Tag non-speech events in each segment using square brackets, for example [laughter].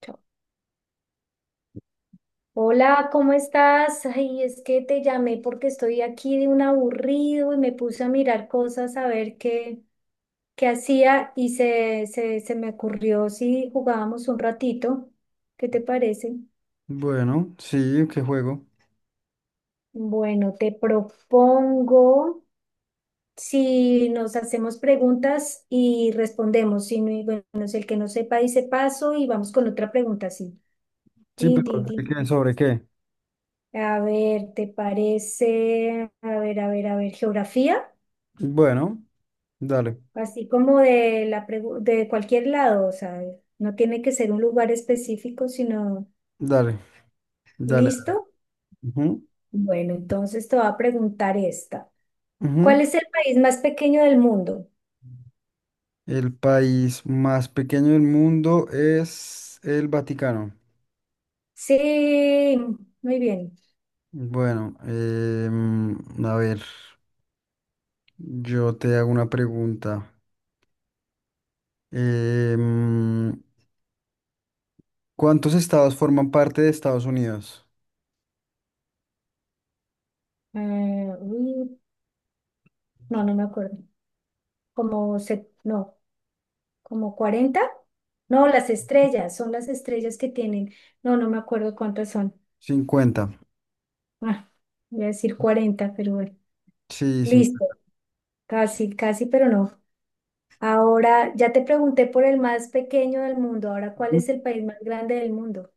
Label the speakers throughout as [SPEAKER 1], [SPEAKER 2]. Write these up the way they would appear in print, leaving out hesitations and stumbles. [SPEAKER 1] Chao. Hola, ¿cómo estás? Ay, es que te llamé porque estoy aquí de un aburrido y me puse a mirar cosas a ver qué hacía y se me ocurrió si jugábamos un ratito. ¿Qué te parece?
[SPEAKER 2] Bueno, sí, qué juego.
[SPEAKER 1] Bueno, te propongo si nos hacemos preguntas y respondemos. Si no, y bueno, es el que no sepa dice paso y vamos con otra pregunta, sí.
[SPEAKER 2] Sí,
[SPEAKER 1] Tin,
[SPEAKER 2] pero
[SPEAKER 1] tin, tin,
[SPEAKER 2] ¿de qué?
[SPEAKER 1] tin.
[SPEAKER 2] ¿Sobre qué?
[SPEAKER 1] A ver, ¿te parece? A ver, a ver, a ver, geografía.
[SPEAKER 2] Bueno, dale,
[SPEAKER 1] Así como de cualquier lado, o sea, no tiene que ser un lugar específico, sino
[SPEAKER 2] dale, dale.
[SPEAKER 1] listo.
[SPEAKER 2] Ujú,
[SPEAKER 1] Bueno, entonces te voy a preguntar esta. ¿Cuál
[SPEAKER 2] ujú.
[SPEAKER 1] es el país más pequeño del mundo?
[SPEAKER 2] El país más pequeño del mundo es el Vaticano.
[SPEAKER 1] Sí, muy bien.
[SPEAKER 2] Bueno, a ver, yo te hago una pregunta. Em, ¿Cuántos estados forman parte de Estados Unidos?
[SPEAKER 1] Uy, no, no me acuerdo. ¿No, como 40? No, son las estrellas que tienen. No, no me acuerdo cuántas son.
[SPEAKER 2] 50.
[SPEAKER 1] Ah, voy a decir 40, pero bueno.
[SPEAKER 2] Sí,
[SPEAKER 1] Listo.
[SPEAKER 2] 50.
[SPEAKER 1] Casi, casi, pero no. Ahora, ya te pregunté por el más pequeño del mundo. Ahora, ¿cuál es el país más grande del mundo?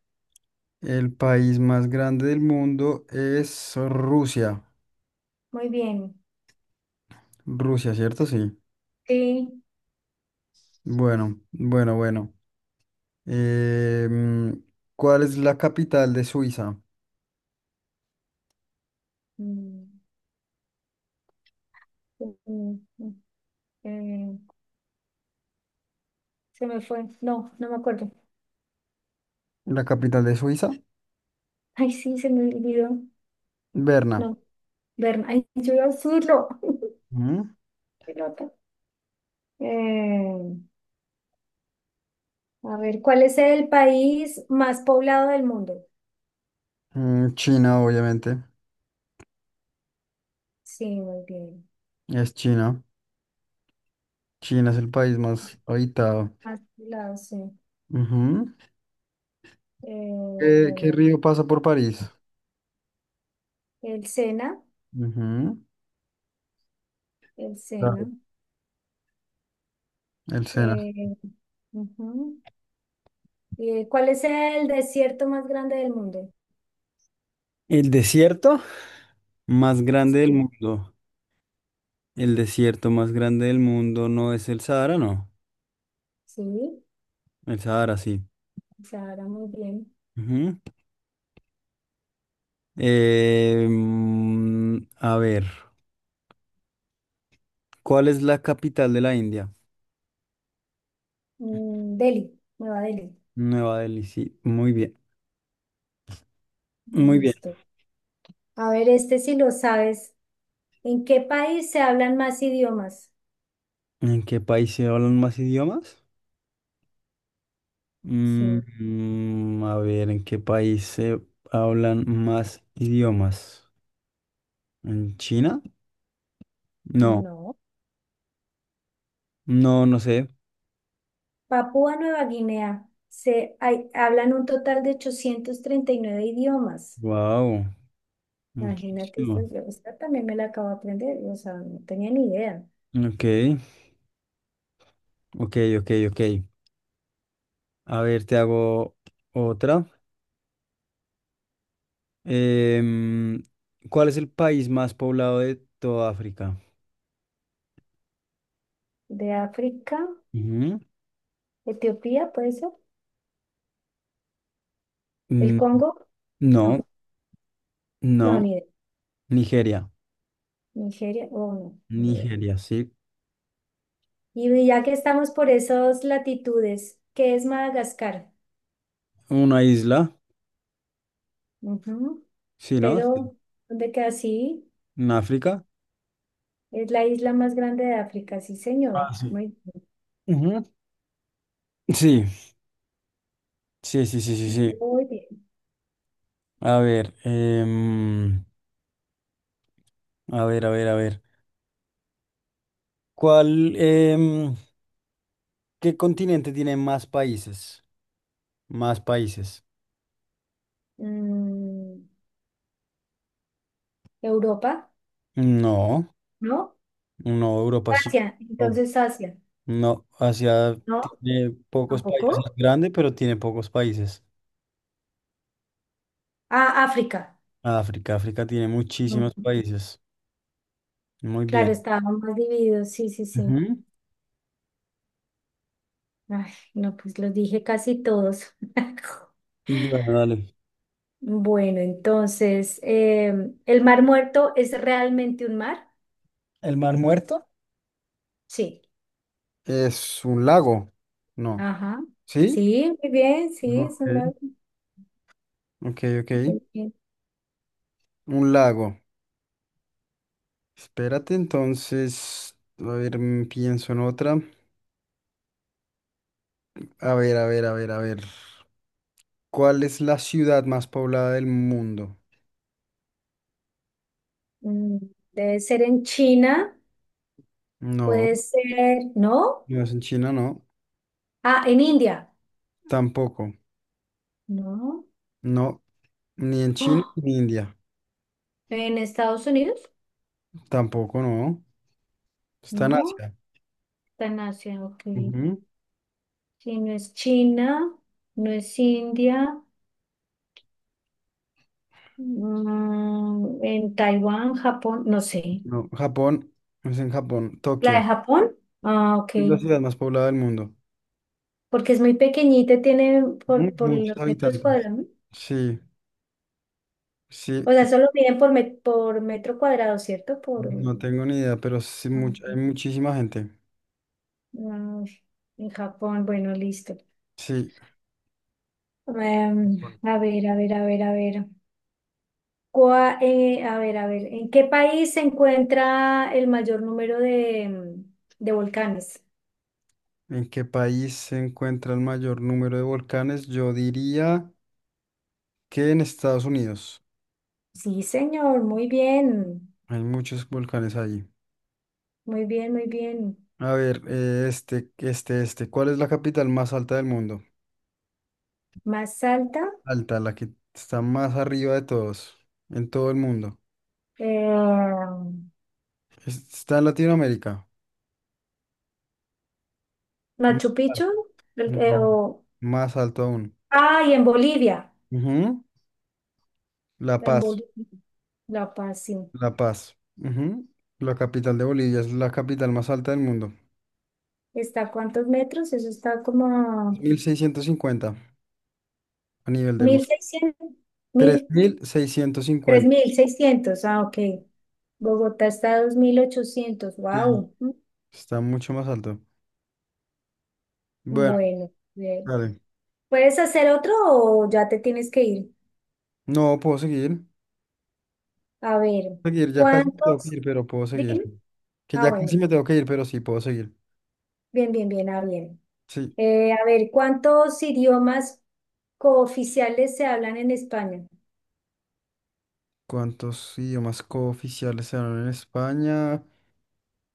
[SPEAKER 2] El país más grande del mundo es Rusia.
[SPEAKER 1] Muy bien.
[SPEAKER 2] Rusia, ¿cierto? Sí.
[SPEAKER 1] Sí.
[SPEAKER 2] Bueno, bueno, bueno. Eh, mm, ¿Cuál es la capital de Suiza?
[SPEAKER 1] Mm, mm, mm, mm, eh, Se me fue. No, no me acuerdo. [laughs]
[SPEAKER 2] La capital de Suiza,
[SPEAKER 1] Ay, sí, se me olvidó.
[SPEAKER 2] Berna.
[SPEAKER 1] No, Berna. Ay, yo iba a decirlo. [laughs]
[SPEAKER 2] Ujú.
[SPEAKER 1] Pelota. Eh, a ver, ¿cuál es el país más poblado del mundo?
[SPEAKER 2] China, obviamente.
[SPEAKER 1] Sí, muy bien.
[SPEAKER 2] Es China. China es el país más habitado.
[SPEAKER 1] Más poblado, sí.
[SPEAKER 2] Ujú.
[SPEAKER 1] Eh,
[SPEAKER 2] ¿Qué
[SPEAKER 1] bueno,
[SPEAKER 2] río pasa por París?
[SPEAKER 1] el Sena,
[SPEAKER 2] Ujú.
[SPEAKER 1] el
[SPEAKER 2] Claro,
[SPEAKER 1] Sena.
[SPEAKER 2] el Sena.
[SPEAKER 1] Eh, Ujú. ¿Cuál es el desierto más grande del mundo?
[SPEAKER 2] El desierto más grande del
[SPEAKER 1] Sí.
[SPEAKER 2] mundo. El desierto más grande del mundo no es el Sahara, no.
[SPEAKER 1] Sí,
[SPEAKER 2] El Sahara, sí.
[SPEAKER 1] Sahara, muy bien.
[SPEAKER 2] Ujú. A ver, ¿cuál es la capital de la India?
[SPEAKER 1] Delhi, Nueva Delhi.
[SPEAKER 2] Nueva Delhi, sí, muy bien, muy bien.
[SPEAKER 1] Listo. A ver, este si lo sabes. ¿En qué país se hablan más idiomas?
[SPEAKER 2] ¿En qué país se hablan más idiomas?
[SPEAKER 1] Sí,
[SPEAKER 2] A ver, ¿en qué país se hablan más idiomas? ¿En China? No,
[SPEAKER 1] no.
[SPEAKER 2] no, no sé.
[SPEAKER 1] Papúa Nueva Guinea. Se hablan un total de 839 idiomas.
[SPEAKER 2] Wow,
[SPEAKER 1] Imagínate, esta,
[SPEAKER 2] muchísimo.
[SPEAKER 1] yo- esta también me la acabo de aprender. O sea, no tenía ni idea.
[SPEAKER 2] Ok, ok, ok, ok. A ver, te hago otra. Em, ¿Cuál es el país más poblado de toda África?
[SPEAKER 1] De África,
[SPEAKER 2] Ujú.
[SPEAKER 1] Etiopía, ¿puede ser? ¿El
[SPEAKER 2] Mm,
[SPEAKER 1] Congo? No,
[SPEAKER 2] No,
[SPEAKER 1] no,
[SPEAKER 2] no,
[SPEAKER 1] ni idea.
[SPEAKER 2] Nigeria.
[SPEAKER 1] Nigeria, oh, no, ni idea.
[SPEAKER 2] Nigeria, sí.
[SPEAKER 1] Y ya que estamos por esas latitudes, ¿qué es Madagascar?
[SPEAKER 2] Una isla,
[SPEAKER 1] Ujú,
[SPEAKER 2] sí, ¿no? Sí.
[SPEAKER 1] pero, ¿dónde queda? Sí,
[SPEAKER 2] En África.
[SPEAKER 1] es la isla más grande de África, sí, señor.
[SPEAKER 2] Ah, sí.
[SPEAKER 1] Muy,
[SPEAKER 2] Ujú. Sí, sí, sí, sí, sí, sí.
[SPEAKER 1] muy bien.
[SPEAKER 2] A ver, a ver, a ver, a ver. ¿Cuál, em, ¿Qué continente tiene más países? Más países.
[SPEAKER 1] Mm, ¿Europa?
[SPEAKER 2] No,
[SPEAKER 1] ¿No?
[SPEAKER 2] no, Europa sí.
[SPEAKER 1] Asia,
[SPEAKER 2] No,
[SPEAKER 1] entonces Asia.
[SPEAKER 2] no, Asia
[SPEAKER 1] ¿No?
[SPEAKER 2] tiene pocos países, es
[SPEAKER 1] ¿Tampoco?
[SPEAKER 2] grande, pero tiene pocos países.
[SPEAKER 1] Ah, África.
[SPEAKER 2] África, África tiene muchísimos
[SPEAKER 1] Mm,
[SPEAKER 2] países. Muy
[SPEAKER 1] Claro,
[SPEAKER 2] bien.
[SPEAKER 1] estábamos más divididos, sí, sí, sí.
[SPEAKER 2] Ujú.
[SPEAKER 1] Ay, no, pues los dije casi todos. [laughs]
[SPEAKER 2] Bueno, dale.
[SPEAKER 1] Bueno, entonces, ¿el Mar Muerto es realmente un mar?
[SPEAKER 2] ¿El Mar Muerto?
[SPEAKER 1] Sí.
[SPEAKER 2] Es un lago. No.
[SPEAKER 1] Ajá.
[SPEAKER 2] ¿Sí?
[SPEAKER 1] Sí, muy bien, sí, es
[SPEAKER 2] Ok.
[SPEAKER 1] un lago.
[SPEAKER 2] Ok, ok.
[SPEAKER 1] Muy bien.
[SPEAKER 2] Un lago. Espérate, entonces. A ver, pienso en otra. A ver, a ver, a ver, a ver. ¿Cuál es la ciudad más poblada del mundo?
[SPEAKER 1] Mm, Debe ser en China,
[SPEAKER 2] No,
[SPEAKER 1] puede ser, ¿no?
[SPEAKER 2] no es en China, no.
[SPEAKER 1] Ah, en India,
[SPEAKER 2] Tampoco.
[SPEAKER 1] ¿no?
[SPEAKER 2] No, ni en China
[SPEAKER 1] Oh,
[SPEAKER 2] ni en India.
[SPEAKER 1] ¿en Estados Unidos?
[SPEAKER 2] Tampoco, no. Está en
[SPEAKER 1] No,
[SPEAKER 2] Asia.
[SPEAKER 1] está en Asia, ok.
[SPEAKER 2] Ujú.
[SPEAKER 1] Sí, no es China, no es India, en Taiwán, Japón, no sé.
[SPEAKER 2] No, Japón. No es en Japón.
[SPEAKER 1] ¿La de
[SPEAKER 2] Tokio.
[SPEAKER 1] Japón? Ah, ok.
[SPEAKER 2] Es la ciudad más poblada del mundo.
[SPEAKER 1] Porque es muy pequeñita, y tiene
[SPEAKER 2] Ujú.
[SPEAKER 1] por
[SPEAKER 2] Muchos
[SPEAKER 1] los metros
[SPEAKER 2] habitantes.
[SPEAKER 1] cuadrados.
[SPEAKER 2] Sí, sí,
[SPEAKER 1] O sea, solo miden por metro cuadrado, ¿cierto? Por,
[SPEAKER 2] no tengo ni idea, pero sí, hay muchísima gente.
[SPEAKER 1] no, en Japón, bueno, listo.
[SPEAKER 2] Sí.
[SPEAKER 1] Em, a ver, a ver, a ver, a ver. A ver, a ver, ¿en qué país se encuentra el mayor número de volcanes?
[SPEAKER 2] ¿En qué país se encuentra el mayor número de volcanes? Yo diría que en Estados Unidos.
[SPEAKER 1] Sí, señor, muy bien,
[SPEAKER 2] Hay muchos volcanes allí.
[SPEAKER 1] muy bien, muy bien.
[SPEAKER 2] A ver, este, este, este. ¿Cuál es la capital más alta del mundo?
[SPEAKER 1] Más alta,
[SPEAKER 2] Alta, la que está más arriba de todos, en todo el mundo.
[SPEAKER 1] eh,
[SPEAKER 2] Está en Latinoamérica. Más
[SPEAKER 1] Machu Picchu,
[SPEAKER 2] alta.
[SPEAKER 1] el-
[SPEAKER 2] No,
[SPEAKER 1] o
[SPEAKER 2] más alto aún.
[SPEAKER 1] Ah, y
[SPEAKER 2] Ujú, La
[SPEAKER 1] en
[SPEAKER 2] Paz,
[SPEAKER 1] Bolivia, La Paz, sí.
[SPEAKER 2] La Paz. Ujú, la capital de Bolivia es la capital más alta del mundo.
[SPEAKER 1] ¿Está a cuántos metros? Eso está como a
[SPEAKER 2] Mil seiscientos cincuenta a nivel del
[SPEAKER 1] mil
[SPEAKER 2] mar.
[SPEAKER 1] seiscientos,
[SPEAKER 2] tres
[SPEAKER 1] mil,
[SPEAKER 2] mil seiscientos
[SPEAKER 1] tres
[SPEAKER 2] cincuenta
[SPEAKER 1] mil seiscientos. Ah, ok. Bogotá está a 2.800.
[SPEAKER 2] Sí,
[SPEAKER 1] Wow.
[SPEAKER 2] está mucho más alto. Bueno,
[SPEAKER 1] Bueno, bien.
[SPEAKER 2] vale.
[SPEAKER 1] ¿Puedes hacer otro o ya te tienes que ir?
[SPEAKER 2] No, puedo seguir.
[SPEAKER 1] A ver,
[SPEAKER 2] Seguir, ya casi me tengo que
[SPEAKER 1] ¿cuántos?
[SPEAKER 2] ir, pero puedo seguir.
[SPEAKER 1] Dime.
[SPEAKER 2] Que
[SPEAKER 1] Ah,
[SPEAKER 2] ya casi
[SPEAKER 1] bueno.
[SPEAKER 2] me tengo que ir, pero sí, puedo seguir.
[SPEAKER 1] Bien, bien, bien. Ah, bien.
[SPEAKER 2] Sí.
[SPEAKER 1] A ver, ¿cuántos idiomas cooficiales se hablan en España?
[SPEAKER 2] ¿Cuántos idiomas cooficiales se hablan en España?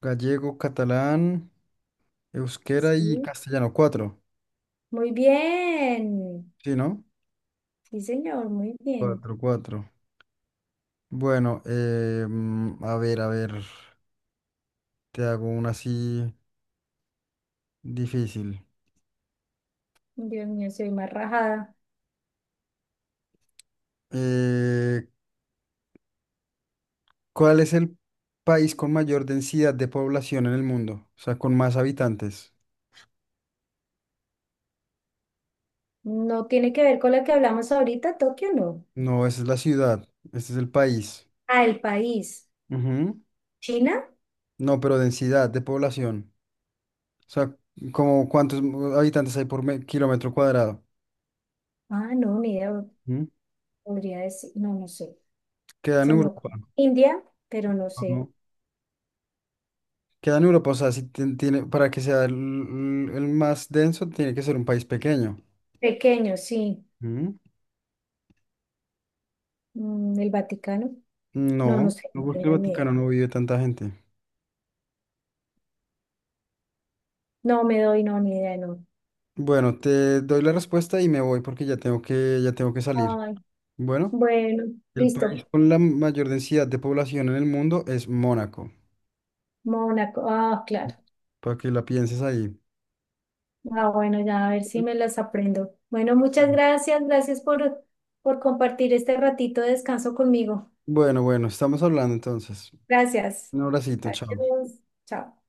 [SPEAKER 2] Gallego, catalán, euskera y
[SPEAKER 1] Sí.
[SPEAKER 2] castellano. Cuatro.
[SPEAKER 1] Muy bien.
[SPEAKER 2] Sí, ¿no?
[SPEAKER 1] Sí, señor, muy bien.
[SPEAKER 2] Cuatro, cuatro. Bueno, a ver, te hago una así difícil.
[SPEAKER 1] Dios mío, soy más rajada.
[SPEAKER 2] Eh, ¿Cuál es el país con mayor densidad de población en el mundo? O sea, con más habitantes.
[SPEAKER 1] No tiene que ver con la que hablamos ahorita, Tokio, no.
[SPEAKER 2] No, esa es la ciudad, este es el país.
[SPEAKER 1] Ah, el país.
[SPEAKER 2] Ujú.
[SPEAKER 1] ¿China?
[SPEAKER 2] No, pero densidad de población. O sea, como cuántos habitantes hay por kilómetro cuadrado.
[SPEAKER 1] Ah, no, ni idea.
[SPEAKER 2] Ujú.
[SPEAKER 1] Podría decir, no, no sé.
[SPEAKER 2] Queda en
[SPEAKER 1] Se me
[SPEAKER 2] Europa.
[SPEAKER 1] ocurre. India, pero no sé.
[SPEAKER 2] ¿No? Queda en Europa, o sea, si tiene, para que sea el más denso, tiene que ser un país pequeño.
[SPEAKER 1] Pequeño, sí. El Vaticano. No, no
[SPEAKER 2] No,
[SPEAKER 1] sé,
[SPEAKER 2] no
[SPEAKER 1] no
[SPEAKER 2] porque el
[SPEAKER 1] tengo ni idea.
[SPEAKER 2] Vaticano no vive tanta gente.
[SPEAKER 1] No me doy, no, ni idea, no.
[SPEAKER 2] Bueno, te doy la respuesta y me voy porque ya tengo que salir.
[SPEAKER 1] Ay,
[SPEAKER 2] Bueno,
[SPEAKER 1] bueno,
[SPEAKER 2] el
[SPEAKER 1] listo.
[SPEAKER 2] país con la mayor densidad de población en el mundo es Mónaco,
[SPEAKER 1] Mónaco. Ah, claro.
[SPEAKER 2] para que la pienses ahí.
[SPEAKER 1] Ah, bueno, ya a ver si me las aprendo. Bueno, muchas
[SPEAKER 2] Bueno,
[SPEAKER 1] gracias, gracias por compartir este ratito de descanso conmigo.
[SPEAKER 2] bueno, bueno, estamos hablando entonces.
[SPEAKER 1] Gracias.
[SPEAKER 2] Un abracito, chao.
[SPEAKER 1] Adiós. Chao.